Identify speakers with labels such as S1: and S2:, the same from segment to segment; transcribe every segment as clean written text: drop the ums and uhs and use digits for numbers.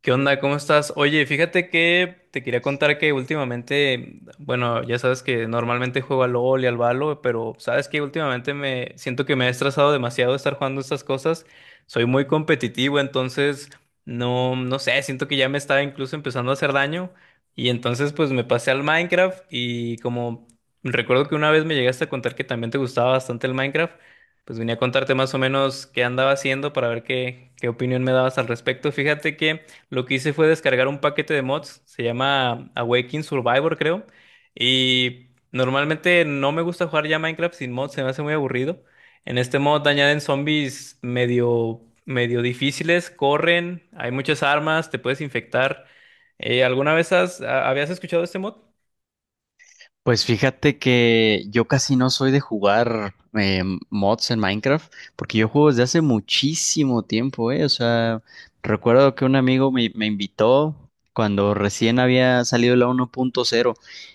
S1: ¿Qué onda? ¿Cómo estás? Oye, fíjate que te quería contar que últimamente, bueno, ya sabes que normalmente juego al LOL y al Valo, pero sabes que últimamente me siento que me he estresado demasiado estar jugando estas cosas. Soy muy competitivo, entonces no, no sé, siento que ya me estaba incluso empezando a hacer daño. Y entonces pues me pasé al Minecraft y como recuerdo que una vez me llegaste a contar que también te gustaba bastante el Minecraft, pues venía a contarte más o menos qué andaba haciendo para ver qué opinión me dabas al respecto. Fíjate que lo que hice fue descargar un paquete de mods, se llama Awakening Survivor, creo. Y normalmente no me gusta jugar ya Minecraft sin mods, se me hace muy aburrido. En este mod añaden zombies medio, medio difíciles, corren, hay muchas armas, te puedes infectar. ¿Alguna vez habías escuchado este mod?
S2: Pues fíjate que yo casi no soy de jugar mods en Minecraft, porque yo juego desde hace muchísimo tiempo, ¿eh? O sea, recuerdo que un amigo me invitó cuando recién había salido la 1.0,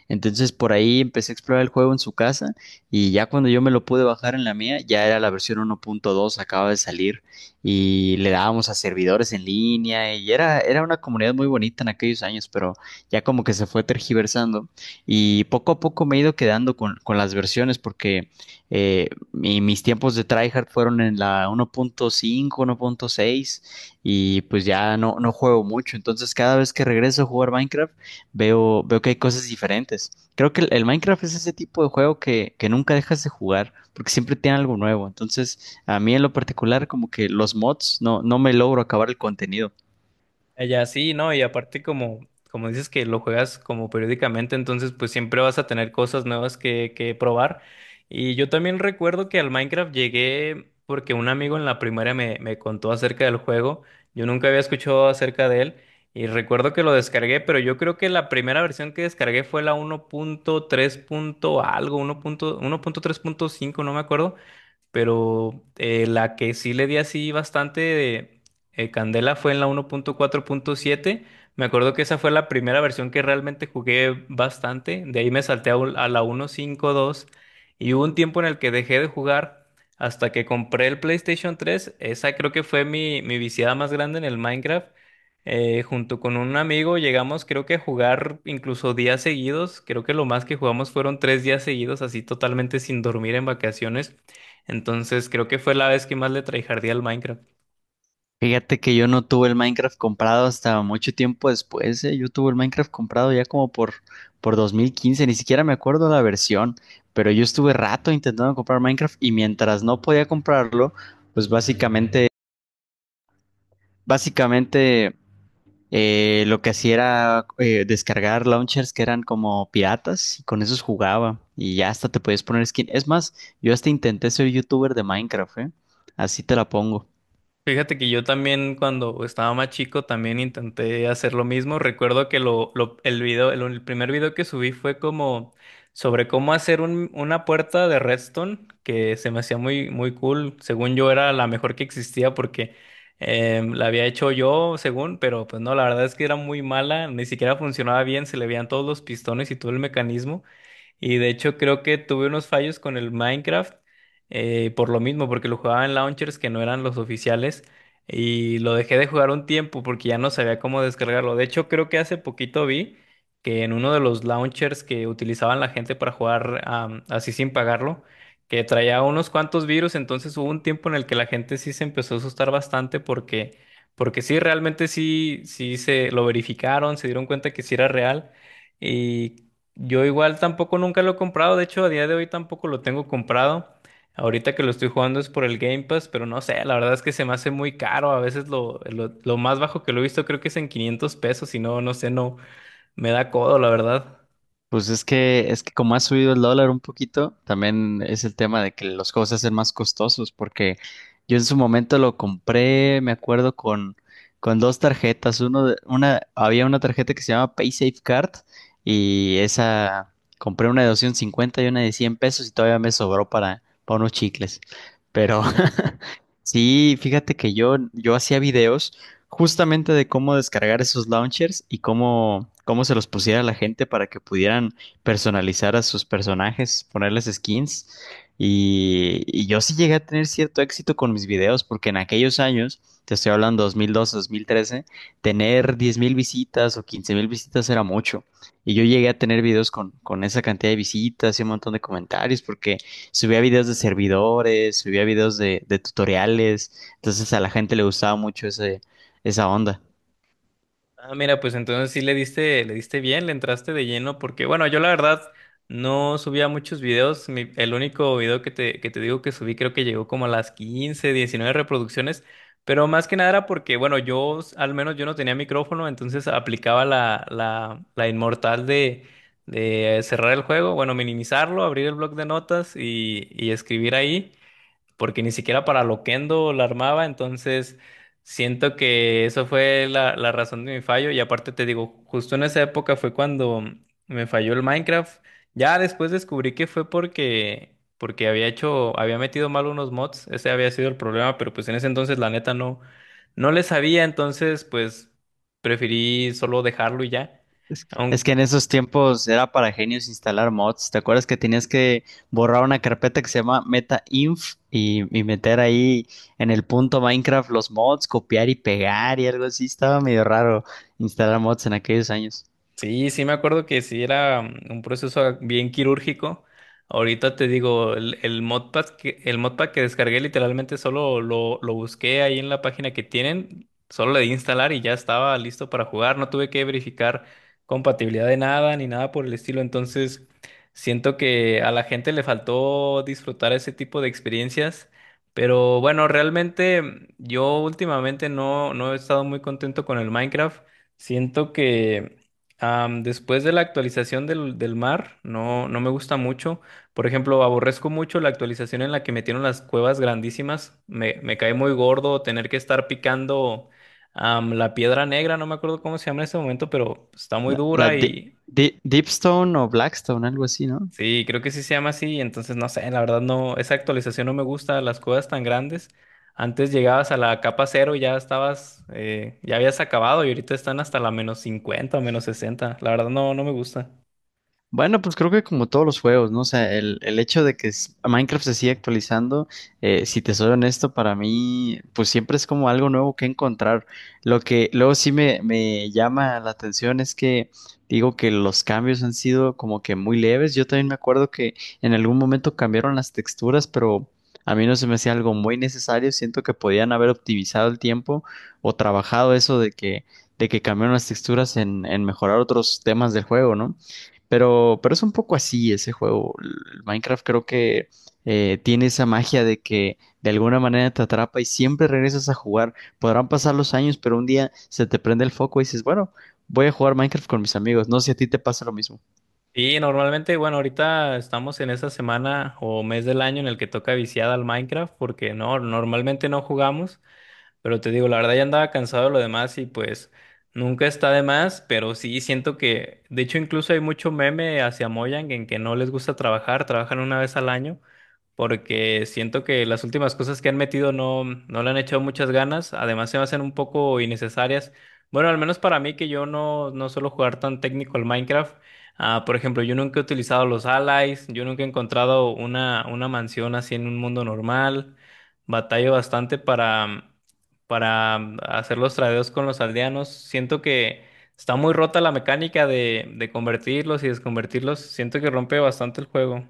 S2: entonces por ahí empecé a explorar el juego en su casa y ya cuando yo me lo pude bajar en la mía, ya era la versión 1.2, acaba de salir y le dábamos a servidores en línea y era una comunidad muy bonita en aquellos años, pero ya como que se fue tergiversando y poco a poco me he ido quedando con las versiones porque mis tiempos de tryhard fueron en la 1.5, 1.6 y pues ya no, no juego mucho. Entonces cada vez que regreso a jugar Minecraft veo que hay cosas diferentes. Creo que el Minecraft es ese tipo de juego que nunca dejas de jugar porque siempre tiene algo nuevo. Entonces a mí en lo particular como que los mods no, no me logro acabar el contenido.
S1: Allá sí, ¿no? Y aparte como, como dices que lo juegas como periódicamente, entonces pues siempre vas a tener cosas nuevas que probar. Y yo también recuerdo que al Minecraft llegué porque un amigo en la primaria me contó acerca del juego. Yo nunca había escuchado acerca de él y recuerdo que lo descargué, pero yo creo que la primera versión que descargué fue la uno punto tres punto algo, uno uno punto punto punto tres punto cinco no me acuerdo. Pero la que sí le di así bastante de candela fue en la 1.4.7. Me acuerdo que esa fue la primera versión que realmente jugué bastante. De ahí me salté a, a la 1.5.2, y hubo un tiempo en el que dejé de jugar hasta que compré el PlayStation 3. Esa creo que fue mi viciada más grande en el Minecraft. Junto con un amigo llegamos creo que a jugar incluso días seguidos. Creo que lo más que jugamos fueron 3 días seguidos así totalmente sin dormir en vacaciones. Entonces creo que fue la vez que más le tryhardé al Minecraft.
S2: Fíjate que yo no tuve el Minecraft comprado hasta mucho tiempo después, eh. Yo tuve el Minecraft comprado ya como por 2015, ni siquiera me acuerdo la versión, pero yo estuve rato intentando comprar Minecraft y mientras no podía comprarlo, pues básicamente, lo que hacía era descargar launchers que eran como piratas y con esos jugaba y ya hasta te podías poner skin. Es más, yo hasta intenté ser youtuber de Minecraft, eh. Así te la pongo.
S1: Fíjate que yo también cuando estaba más chico también intenté hacer lo mismo. Recuerdo que el video, el primer video que subí fue como sobre cómo hacer una puerta de redstone que se me hacía muy, muy cool. Según yo era la mejor que existía porque la había hecho yo, según, pero pues no, la verdad es que era muy mala, ni siquiera funcionaba bien, se le veían todos los pistones y todo el mecanismo. Y de hecho creo que tuve unos fallos con el Minecraft por lo mismo, porque lo jugaba en launchers que no eran los oficiales y lo dejé de jugar un tiempo porque ya no sabía cómo descargarlo. De hecho, creo que hace poquito vi que en uno de los launchers que utilizaban la gente para jugar así sin pagarlo, que traía unos cuantos virus, entonces hubo un tiempo en el que la gente sí se empezó a asustar bastante porque sí, realmente sí, sí se lo verificaron, se dieron cuenta que sí era real y yo igual tampoco nunca lo he comprado, de hecho a día de hoy tampoco lo tengo comprado. Ahorita que lo estoy jugando es por el Game Pass, pero no sé, la verdad es que se me hace muy caro. A veces lo más bajo que lo he visto creo que es en 500 pesos y no, no sé, no me da codo, la verdad.
S2: Pues es que como ha subido el dólar un poquito, también es el tema de que los juegos se hacen más costosos, porque yo en su momento lo compré, me acuerdo, con dos tarjetas. Había una tarjeta que se llama PaySafe Card y esa compré una de 250 y una de 100 pesos y todavía me sobró para unos chicles. Pero sí, fíjate que yo hacía videos justamente de cómo descargar esos launchers y cómo, cómo se los pusiera a la gente para que pudieran personalizar a sus personajes, ponerles skins. Y yo sí llegué a tener cierto éxito con mis videos, porque en aquellos años, te estoy hablando 2012, 2013, tener 10.000 visitas o 15.000 visitas era mucho. Y yo llegué a tener videos con esa cantidad de visitas y un montón de comentarios, porque subía videos de servidores, subía videos de tutoriales. Entonces a la gente le gustaba mucho esa onda.
S1: Ah, mira, pues entonces sí le diste bien, le entraste de lleno, porque bueno, yo la verdad no subía muchos videos. El único video que te digo que subí creo que llegó como a las 15, 19 reproducciones, pero más que nada era porque, bueno, al menos yo no tenía micrófono, entonces aplicaba la inmortal de cerrar el juego, bueno, minimizarlo, abrir el bloc de notas y escribir ahí porque ni siquiera para Loquendo la armaba, entonces siento que eso fue la razón de mi fallo y aparte te digo, justo en esa época fue cuando me falló el Minecraft, ya después descubrí que fue porque había hecho, había metido mal unos mods, ese había sido el problema, pero pues en ese entonces la neta no, no le sabía, entonces pues preferí solo dejarlo y ya.
S2: Es que en esos tiempos era para genios instalar mods. ¿Te acuerdas que tenías que borrar una carpeta que se llama metainf y meter ahí en el punto Minecraft los mods, copiar y pegar y algo así? Estaba medio raro instalar mods en aquellos años.
S1: Sí, sí me acuerdo que sí era un proceso bien quirúrgico. Ahorita te digo, el modpack que, el modpack que descargué literalmente solo lo busqué ahí en la página que tienen, solo le di instalar y ya estaba listo para jugar. No tuve que verificar compatibilidad de nada ni nada por el estilo. Entonces, siento que a la gente le faltó disfrutar ese tipo de experiencias. Pero bueno, realmente yo últimamente no, no he estado muy contento con el Minecraft. Siento que después de la actualización del mar, no, no me gusta mucho. Por ejemplo, aborrezco mucho la actualización en la que metieron las cuevas grandísimas. Me cae muy gordo tener que estar picando la piedra negra, no me acuerdo cómo se llama en este momento, pero está muy
S2: La, la
S1: dura
S2: Di-
S1: y
S2: Di- Deepstone o Blackstone, algo así, ¿no?
S1: sí, creo que sí se llama así. Entonces, no sé, la verdad no, esa actualización no me gusta, las cuevas tan grandes. Antes llegabas a la capa cero y ya estabas, ya habías acabado y ahorita están hasta la -50 o -60. La verdad no, no me gusta.
S2: Bueno, pues creo que como todos los juegos, ¿no? O sea, el hecho de que Minecraft se sigue actualizando, si te soy honesto, para mí, pues siempre es como algo nuevo que encontrar. Lo que luego sí me llama la atención es que digo que los cambios han sido como que muy leves. Yo también me acuerdo que en algún momento cambiaron las texturas, pero a mí no se me hacía algo muy necesario. Siento que podían haber optimizado el tiempo o trabajado eso de que cambiaron las texturas en mejorar otros temas del juego, ¿no? Pero es un poco así ese juego. El Minecraft creo que tiene esa magia de que de alguna manera te atrapa y siempre regresas a jugar. Podrán pasar los años, pero un día se te prende el foco y dices, bueno, voy a jugar Minecraft con mis amigos. No sé si a ti te pasa lo mismo.
S1: Y normalmente, bueno, ahorita estamos en esa semana o mes del año en el que toca viciada al Minecraft, porque no, normalmente no jugamos, pero te digo, la verdad ya andaba cansado de lo demás y pues nunca está de más, pero sí siento que, de hecho, incluso hay mucho meme hacia Mojang en que no les gusta trabajar, trabajan una vez al año porque siento que las últimas cosas que han metido no, no le han echado muchas ganas, además se me hacen un poco innecesarias. Bueno, al menos para mí que yo no, no suelo jugar tan técnico al Minecraft. Ah, por ejemplo, yo nunca he utilizado los allies, yo nunca he encontrado una mansión así en un mundo normal. Batallo bastante para hacer los tradeos con los aldeanos. Siento que está muy rota la mecánica de convertirlos y desconvertirlos. Siento que rompe bastante el juego.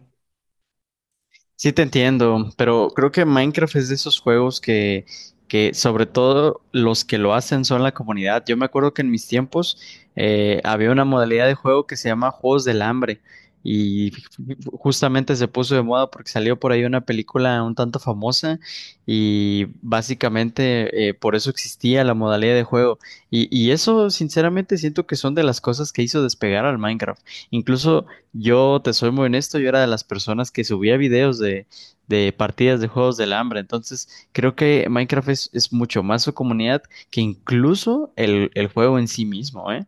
S2: Sí, te entiendo, pero creo que Minecraft es de esos juegos que sobre todo los que lo hacen son la comunidad. Yo me acuerdo que en mis tiempos había una modalidad de juego que se llama Juegos del Hambre y justamente se puso de moda porque salió por ahí una película un tanto famosa y básicamente por eso existía la modalidad de juego. Y eso sinceramente siento que son de las cosas que hizo despegar al Minecraft. Incluso, yo te soy muy honesto, yo era de las personas que subía videos de partidas de juegos del hambre, entonces creo que Minecraft es mucho más su comunidad que incluso el juego en sí mismo, ¿eh?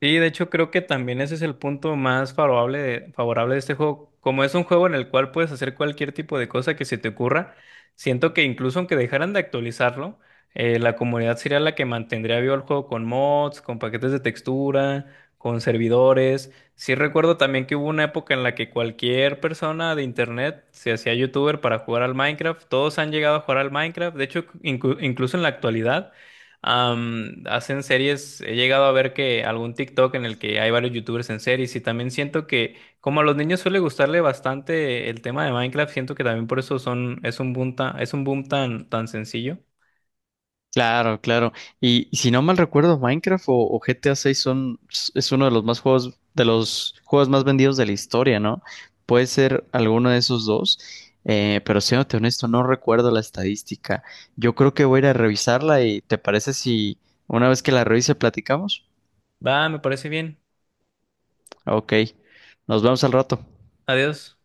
S1: Sí, de hecho creo que también ese es el punto más favorable favorable de este juego. Como es un juego en el cual puedes hacer cualquier tipo de cosa que se te ocurra, siento que incluso aunque dejaran de actualizarlo, la comunidad sería la que mantendría vivo el juego con mods, con paquetes de textura, con servidores. Sí recuerdo también que hubo una época en la que cualquier persona de internet se hacía youtuber para jugar al Minecraft. Todos han llegado a jugar al Minecraft. De hecho, incluso en la actualidad. Hacen series, he llegado a ver que algún TikTok en el que hay varios youtubers en series y también siento que como a los niños suele gustarle bastante el tema de Minecraft, siento que también por eso son, es un boom tan, es un boom tan, tan sencillo.
S2: Claro, claro. Y si no mal recuerdo, Minecraft o GTA 6 son, es uno de los más juegos, de los juegos más vendidos de la historia, ¿no? Puede ser alguno de esos dos, pero siéndote honesto, no recuerdo la estadística. Yo creo que voy a ir a revisarla y ¿te parece si una vez que la revise platicamos?
S1: Va, me parece bien.
S2: Ok, nos vemos al rato.
S1: Adiós.